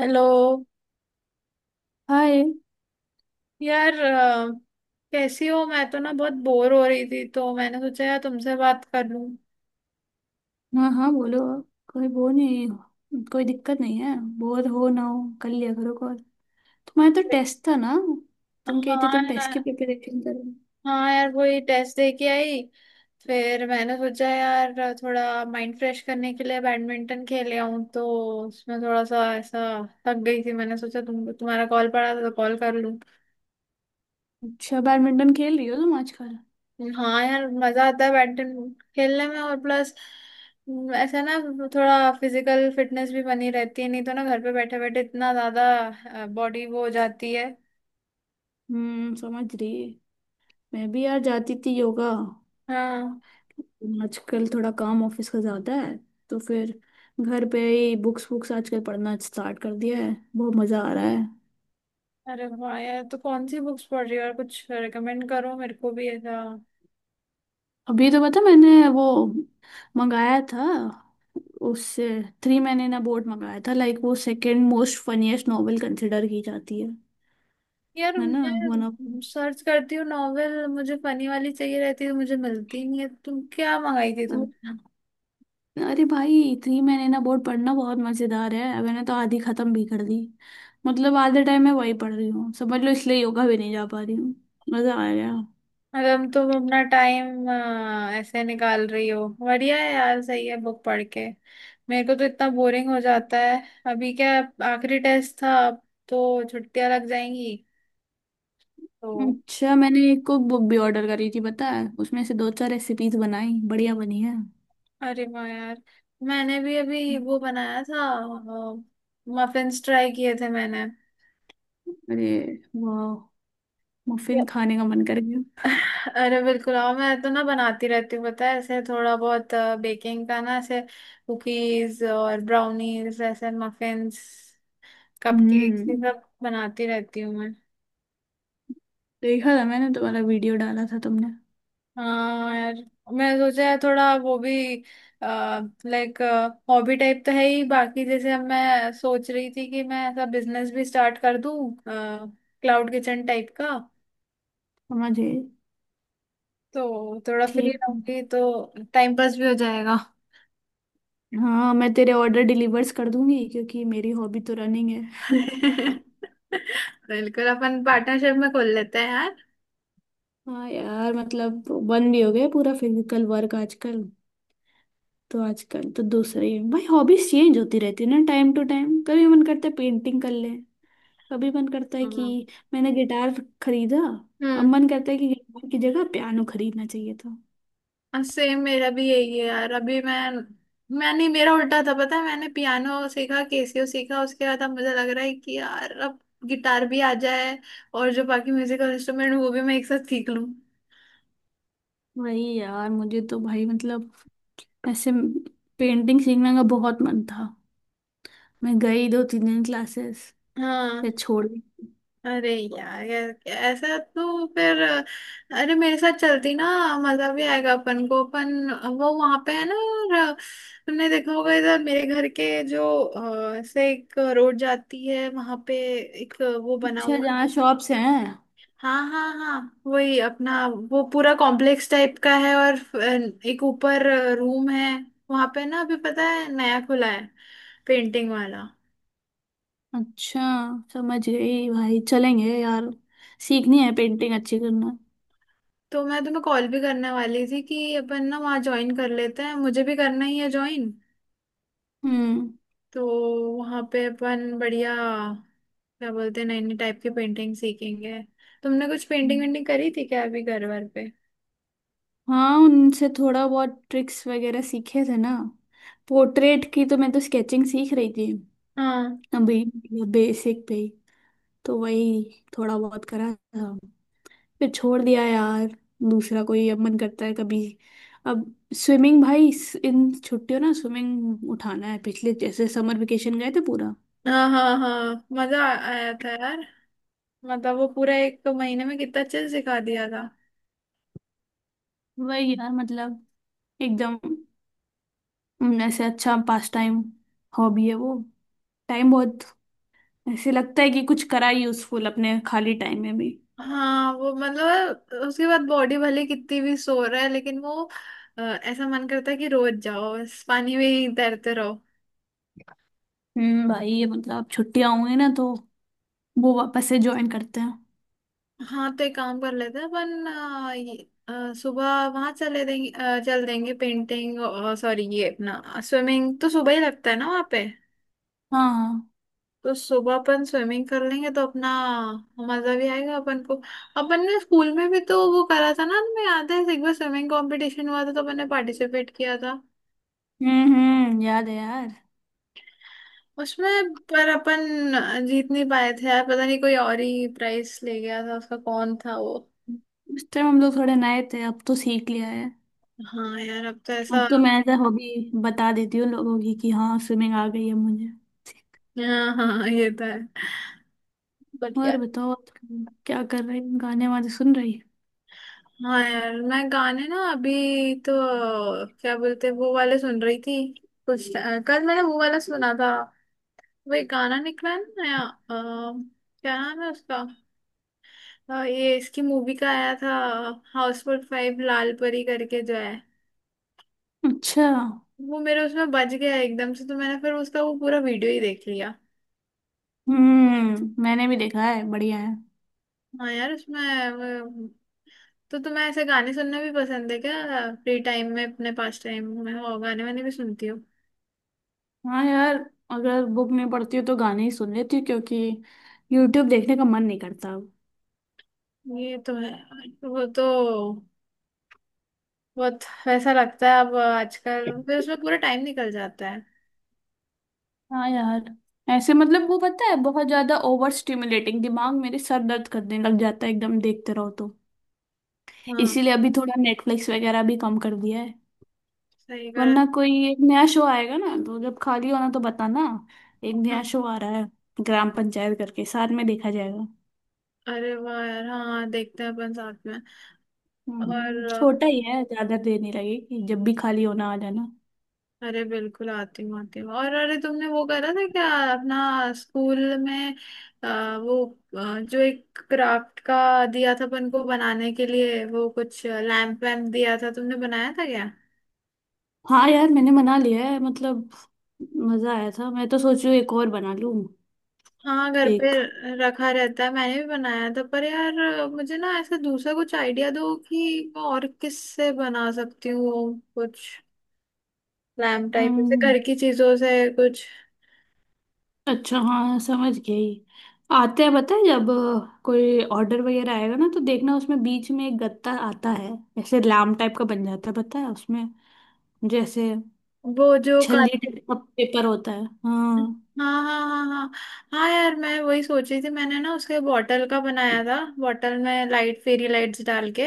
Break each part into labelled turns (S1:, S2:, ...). S1: Hello
S2: hi.
S1: यार कैसी हो। मैं तो ना बहुत बोर हो रही थी, तो मैंने सोचा यार तुमसे बात कर लूं।
S2: हाँ हाँ बोलो आप। कोई वो नहीं, कोई दिक्कत नहीं है। बोर हो ना हो, कर लिया करो कॉल। तुम्हारा तो टेस्ट था ना, तुम कहती
S1: हाँ
S2: तुम टेस्ट की
S1: यार।
S2: प्रिपरेशन करो।
S1: हाँ यार, वही टेस्ट दे के आई। फिर मैंने सोचा यार, थोड़ा माइंड फ्रेश करने के लिए बैडमिंटन खेले आऊं। तो उसमें थोड़ा सा ऐसा थक गई थी। मैंने सोचा तुम्हारा कॉल पड़ा था तो कॉल कर लूं।
S2: अच्छा, बैडमिंटन खेल रही हो तुम आजकल।
S1: हाँ यार, मजा आता है बैडमिंटन खेलने में। और प्लस ऐसा ना, थोड़ा फिजिकल फिटनेस भी बनी रहती है। नहीं तो ना घर पे बैठे बैठे इतना ज्यादा बॉडी वो हो जाती है।
S2: हम्म, समझ रही। मैं भी यार जाती थी योगा।
S1: हाँ।
S2: आजकल थोड़ा काम ऑफिस का ज्यादा है, तो फिर घर पे ही बुक्स बुक्स आजकल पढ़ना स्टार्ट कर दिया है, बहुत मजा आ रहा है।
S1: अरे वाह यार, तो कौन सी बुक्स पढ़ रही हो? और कुछ रिकमेंड करो मेरे को भी ऐसा।
S2: अभी तो पता, मैंने वो मंगाया था, उससे थ्री मैन इन बोर्ड मंगाया था। लाइक वो second most funniest novel consider की जाती है
S1: यार,
S2: है ना। वन ऑफ,
S1: मैं सर्च करती हूँ नॉवेल। मुझे फनी वाली चाहिए रहती है, तो मुझे मिलती ही नहीं है। तुम क्या मंगाई थी तुम?
S2: अरे भाई थ्री मैन इन बोर्ड पढ़ना बहुत मजेदार है, मैंने तो आधी खत्म भी कर दी। मतलब आधे टाइम मैं वही पढ़ रही हूँ समझ लो, इसलिए योगा भी नहीं जा पा रही हूँ। मजा आ गया।
S1: और अब तुम अपना टाइम ऐसे निकाल रही हो, बढ़िया है यार, सही है बुक पढ़ के। मेरे को तो इतना बोरिंग हो जाता है। अभी क्या, आखिरी टेस्ट था। अब तो छुट्टियां लग जाएंगी तो।
S2: अच्छा, मैंने एक कुक बुक भी ऑर्डर करी थी पता है, उसमें से दो चार रेसिपीज बनाई, बढ़िया बनी है।
S1: अरे वाह यार, मैंने भी अभी वो बनाया था। मफिन्स ट्राई किए थे मैंने।
S2: अरे वाह,
S1: Yeah.
S2: मफिन खाने का मन कर।
S1: अरे बिल्कुल आओ। मैं तो ना बनाती रहती हूँ पता है, ऐसे थोड़ा बहुत बेकिंग का ना ऐसे। कुकीज और ब्राउनीज, ऐसे मफिन्स, कपकेक्स, ये
S2: हम्म,
S1: सब बनाती रहती हूँ मैं।
S2: देखा था मैंने, तुम्हारा वीडियो डाला था तुमने।
S1: हाँ यार, मैं सोचा है थोड़ा वो भी, लाइक हॉबी टाइप तो है ही। बाकी जैसे अब मैं सोच रही थी कि मैं ऐसा बिजनेस भी स्टार्ट कर दूँ, क्लाउड किचन टाइप का।
S2: समझ गई।
S1: तो थोड़ा फ्री
S2: ठीक है।
S1: रहूंगी तो टाइम पास भी हो जाएगा।
S2: हाँ मैं तेरे ऑर्डर डिलीवर्स कर दूंगी क्योंकि मेरी हॉबी तो रनिंग है।
S1: बिल्कुल, अपन पार्टनरशिप में खोल लेते हैं यार।
S2: हाँ यार, मतलब बंद भी हो गया पूरा फिजिकल वर्क आजकल। तो आजकल तो दूसरी है भाई, हॉबीज चेंज होती रहती है ना टाइम टू टाइम। कभी मन करता है पेंटिंग कर ले, कभी मन करता है कि
S1: हम्म
S2: मैंने गिटार खरीदा, अब
S1: हम्म।
S2: मन करता है कि गिटार की जगह पियानो खरीदना चाहिए था।
S1: सेम मेरा भी यही है यार। अभी मैं, मैंने, मेरा उल्टा था पता है। मैंने पियानो सीखा, केसियो सीखा, उसके बाद अब मुझे लग रहा है कि यार अब गिटार भी आ जाए और जो बाकी म्यूजिकल इंस्ट्रूमेंट, वो भी मैं एक साथ सीख लूं।
S2: वही यार, मुझे तो भाई मतलब ऐसे पेंटिंग सीखने का बहुत मन था, मैं गई दो तीन दिन क्लासेस, फिर
S1: हाँ।
S2: छोड़ दी।
S1: अरे यार यार, ऐसा तो फिर, अरे मेरे साथ चलती ना, मजा भी आएगा अपन को। अपन वो वहां पे है ना। और तुमने देखा होगा इधर मेरे घर के जो ऐसे एक रोड जाती है, वहां पे एक वो बना
S2: अच्छा,
S1: हुआ।
S2: जहाँ शॉप्स हैं।
S1: हाँ हाँ हाँ, वही अपना वो पूरा कॉम्प्लेक्स टाइप का है। और एक ऊपर रूम है, वहां पे ना अभी पता है नया खुला है, पेंटिंग वाला।
S2: अच्छा, समझ गई भाई, चलेंगे यार, सीखनी है पेंटिंग अच्छी करना।
S1: तो मैं तुम्हें कॉल भी करने वाली थी कि अपन ना वहाँ ज्वाइन कर लेते हैं। मुझे भी करना ही है ज्वाइन।
S2: हम्म।
S1: तो वहाँ पे अपन बढ़िया, क्या बोलते हैं, नई नई टाइप की पेंटिंग सीखेंगे। तुमने कुछ पेंटिंग वेंटिंग करी थी क्या अभी घर वर पे?
S2: हाँ, उनसे थोड़ा बहुत ट्रिक्स वगैरह सीखे थे ना पोर्ट्रेट की, तो मैं तो स्केचिंग सीख रही थी
S1: हाँ
S2: अभी बेसिक पे ही, तो वही थोड़ा बहुत करा था, फिर छोड़ दिया यार। दूसरा कोई अब मन करता है कभी, अब स्विमिंग भाई, इन छुट्टियों ना स्विमिंग उठाना है, पिछले जैसे समर वेकेशन गए थे पूरा।
S1: हाँ हाँ हाँ, मजा आया था यार। मतलब वो पूरा एक महीने में कितना अच्छे से सिखा दिया था।
S2: वही यार मतलब एकदम। ऐसे अच्छा पास टाइम हॉबी है वो, टाइम बहुत ऐसे लगता है कि कुछ करा यूजफुल अपने खाली टाइम में भी।
S1: हाँ वो मतलब उसके बाद बॉडी भले कितनी भी सो रहा है, लेकिन वो ऐसा मन करता है कि रोज जाओ, इस पानी में ही तैरते रहो।
S2: हम्म, भाई ये मतलब छुट्टियां होंगी ना, तो वो वापस से ज्वाइन करते हैं।
S1: हाँ तो एक काम कर लेते हैं अपन ये, सुबह वहां चल देंगे पेंटिंग। सॉरी, ये अपना स्विमिंग तो सुबह ही लगता है ना वहाँ पे।
S2: हाँ हाँ।
S1: तो सुबह अपन स्विमिंग कर लेंगे, तो अपना मजा भी आएगा अपन को। अपन ने स्कूल में भी तो वो करा था ना, तुम्हें याद है? एक बार स्विमिंग कंपटीशन हुआ था, तो अपन ने पार्टिसिपेट किया था।
S2: हम्म, याद है यार।
S1: उसमें पर अपन जीत नहीं पाए थे यार। पता नहीं कोई और ही प्राइस ले गया था उसका, कौन था वो।
S2: उस टाइम हम लोग थोड़े नए थे, अब तो सीख लिया है।
S1: हाँ यार, अब तो ऐसा।
S2: अब तो मैं एज हॉबी बता देती हूँ लोगों की कि हाँ स्विमिंग आ गई है मुझे।
S1: हाँ हाँ हाँ, ये तो है। बट
S2: और
S1: यार,
S2: बताओ, आजकल क्या कर रही हो? गाने वाने सुन रही है।
S1: हाँ यार मैं गाने ना अभी तो, क्या बोलते हैं, वो वाले सुन रही थी कुछ। कल मैंने वो वाला सुना था, वही गाना निकला है ना नया। क्या नाम है उसका। ये इसकी मूवी का आया था, हाउसफुल 5। लाल परी करके जो है,
S2: अच्छा।
S1: वो मेरे उसमें बज गया एकदम से। तो मैंने फिर उसका वो पूरा वीडियो ही देख लिया।
S2: हम्म, मैंने भी देखा है, बढ़िया है।
S1: हाँ यार, उसमें वो- तो तुम्हें ऐसे गाने सुनना भी पसंद है क्या? फ्री टाइम में अपने पास टाइम में और गाने वाने भी सुनती हो?
S2: हाँ यार, अगर बुक नहीं पढ़ती हूँ तो गाने ही सुन लेती हूँ, क्योंकि यूट्यूब देखने का मन नहीं करता अब।
S1: ये तो है। वो तो बहुत वैसा लगता है अब आजकल। फिर उसमें पूरा टाइम निकल जाता है।
S2: हाँ यार, ऐसे मतलब वो पता है बहुत ज्यादा ओवर स्टिमुलेटिंग, दिमाग मेरे सर दर्द करने लग जाता है एकदम देखते रहो तो।
S1: हाँ,
S2: इसीलिए अभी थोड़ा नेटफ्लिक्स वगैरह भी कम कर दिया है।
S1: सही कर।
S2: वरना कोई एक नया शो आएगा ना, तो जब खाली होना तो बताना। एक नया
S1: हाँ
S2: शो आ रहा है, ग्राम पंचायत करके, साथ में देखा जाएगा।
S1: अरे वाह यार, हाँ देखते हैं अपन साथ में। और
S2: छोटा ही है, ज्यादा देर नहीं लगेगी, जब भी खाली होना आ जाना।
S1: अरे बिल्कुल, आती हूँ आती हूँ। और अरे तुमने वो करा था क्या अपना, स्कूल में अ, वो जो एक क्राफ्ट का दिया था अपन को बनाने के लिए, वो कुछ लैम्प वैम्प दिया था, तुमने बनाया था क्या?
S2: हाँ यार, मैंने मना लिया है मतलब। मजा आया था, मैं तो सोचू एक और बना लूं।
S1: हाँ घर पे
S2: एक।
S1: रखा रहता है। मैंने भी बनाया था, पर यार मुझे ना ऐसा दूसरा कुछ आइडिया दो कि मैं और किससे बना सकती हूँ वो कुछ लैम्प टाइप, ऐसे
S2: हम्म।
S1: घर की चीजों से कुछ।
S2: अच्छा हाँ समझ गई। आते हैं पता है, जब कोई ऑर्डर वगैरह आएगा ना, तो देखना उसमें बीच में एक गत्ता आता है, ऐसे लाम टाइप का बन जाता है, पता है उसमें जैसे
S1: वो जो काट।
S2: छल्ली टाइप का पेपर होता है। हाँ
S1: हाँ हाँ हाँ हाँ। हाँ यार, मैं वही सोच रही थी। मैंने ना उसके बॉटल का बनाया था, बॉटल में लाइट, फेरी लाइट्स डाल के।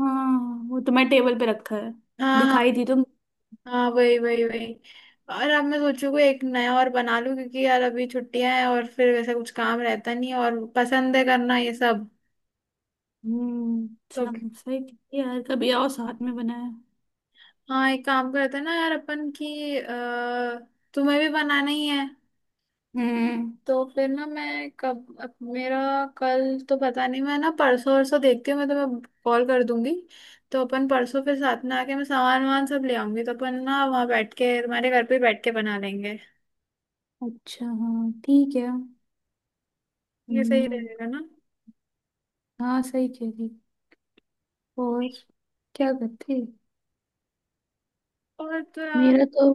S2: हाँ। वो तो मैं टेबल पे रखा है,
S1: हाँ हाँ
S2: दिखाई दी तो।
S1: हाँ, वही वही वही। और अब मैं सोचू कोई एक नया और बना लूं, क्योंकि यार अभी छुट्टियां हैं और फिर वैसे कुछ काम रहता नहीं है, और पसंद है करना ये सब।
S2: हम्म,
S1: तो
S2: सब सही किया यार, कभी आओ साथ में बनाया।
S1: हाँ, एक काम करते हैं ना यार। अपन की तुम्हें भी बनाना ही है,
S2: हम्म।
S1: तो फिर ना मैं कब, अब मेरा कल तो पता नहीं, मैं ना परसों वरसों देखती हूँ, मैं तुम्हें कॉल कर दूंगी। तो अपन परसों फिर साथ में, आके मैं सामान वामान सब ले आऊंगी, तो अपन ना वहाँ बैठ के तुम्हारे घर पे बैठ के बना लेंगे।
S2: अच्छा हाँ ठीक है।
S1: ये सही
S2: हम्म।
S1: रहेगा ना।
S2: हाँ सही कह रही। और क्या करते।
S1: और तो यार,
S2: मेरा तो,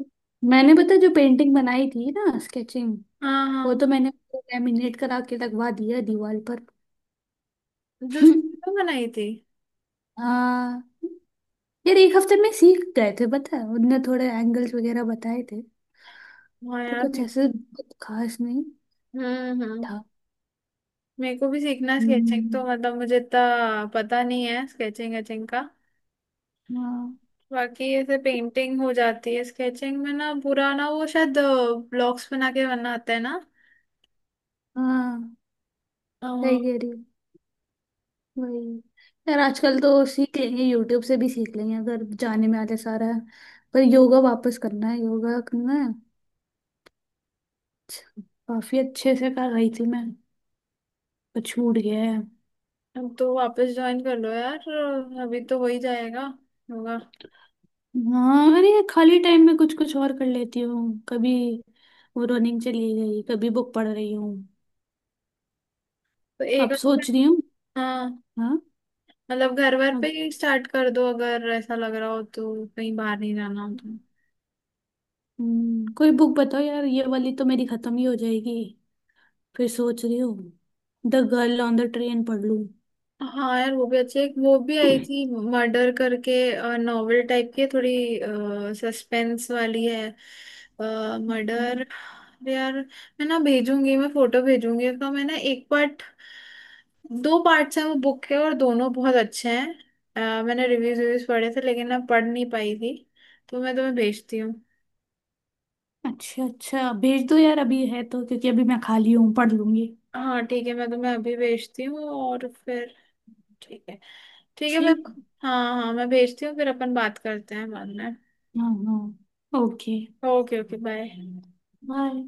S2: मैंने पता जो पेंटिंग बनाई थी ना स्केचिंग,
S1: हाँ
S2: वो
S1: हाँ,
S2: तो मैंने लैमिनेट करा के लगवा दिया दीवार पर।
S1: जो स्केचिंग बनाई थी।
S2: हाँ यार, एक हफ्ते में सीख गए थे पता है, उनने थोड़े एंगल्स वगैरह बताए थे,
S1: हाँ
S2: तो
S1: यार
S2: कुछ ऐसे बहुत खास नहीं
S1: हम्म।
S2: था।
S1: मेरे को भी सीखना है स्केचिंग। तो
S2: हम्म।
S1: मतलब मुझे इतना पता नहीं है स्केचिंग वेचिंग का।
S2: हाँ
S1: बाकी ऐसे पेंटिंग हो जाती है। स्केचिंग में ना पूरा ना, वो शायद ब्लॉक्स बना के बनाते हैं ना।
S2: हाँ,
S1: अ,
S2: सही कह रही हो, वही। यार आजकल तो सीख लेंगे, यूट्यूब से भी सीख लेंगे अगर जाने में आते सारा। पर योगा वापस करना है, योगा करना है। अच्छा, काफी अच्छे से कर रही थी मैं, पर छूट गया है।
S1: अब तो वापस ज्वाइन कर लो यार। अभी तो वही जाएगा, होगा।
S2: हाँ, अरे ये खाली टाइम में कुछ कुछ और कर लेती हूँ कभी। वो रनिंग चली गई, कभी बुक पढ़ रही हूँ।
S1: तो एक
S2: अब सोच रही
S1: अच्छा-
S2: हूँ।
S1: हाँ
S2: हाँ।
S1: मतलब घर वर पे
S2: अब।
S1: ही स्टार्ट कर दो अगर ऐसा लग रहा हो, तो कहीं बाहर नहीं जाना हो तो।
S2: कोई बुक बताओ यार, ये वाली तो मेरी खत्म ही हो जाएगी, फिर सोच रही हूँ the girl on the train पढ़ लूँ।
S1: हाँ यार, वो भी अच्छी है। एक वो भी आई थी, मर्डर करके, नॉवेल टाइप की है, थोड़ी सस्पेंस वाली है,
S2: हम्म,
S1: मर्डर। यार मैं ना भेजूंगी, मैं फोटो भेजूंगी। तो मैंने एक पार्ट, दो पार्ट्स हैं वो बुक के और दोनों बहुत अच्छे हैं। मैंने रिव्यूज रिव्यूज पढ़े थे, लेकिन मैं पढ़ नहीं पाई थी। तो मैं तुम्हें भेजती हूँ।
S2: अच्छा अच्छा, भेज दो यार अभी है तो, क्योंकि अभी मैं खाली हूँ, पढ़ लूंगी।
S1: हाँ ठीक है, मैं तुम्हें अभी भेजती हूँ और फिर, ठीक है। ठीक है फिर।
S2: ठीक।
S1: हाँ हाँ, मैं भेजती हूँ फिर अपन बात करते हैं बाद में।
S2: हाँ हाँ, okay,
S1: okay. Okay bye.
S2: Bye.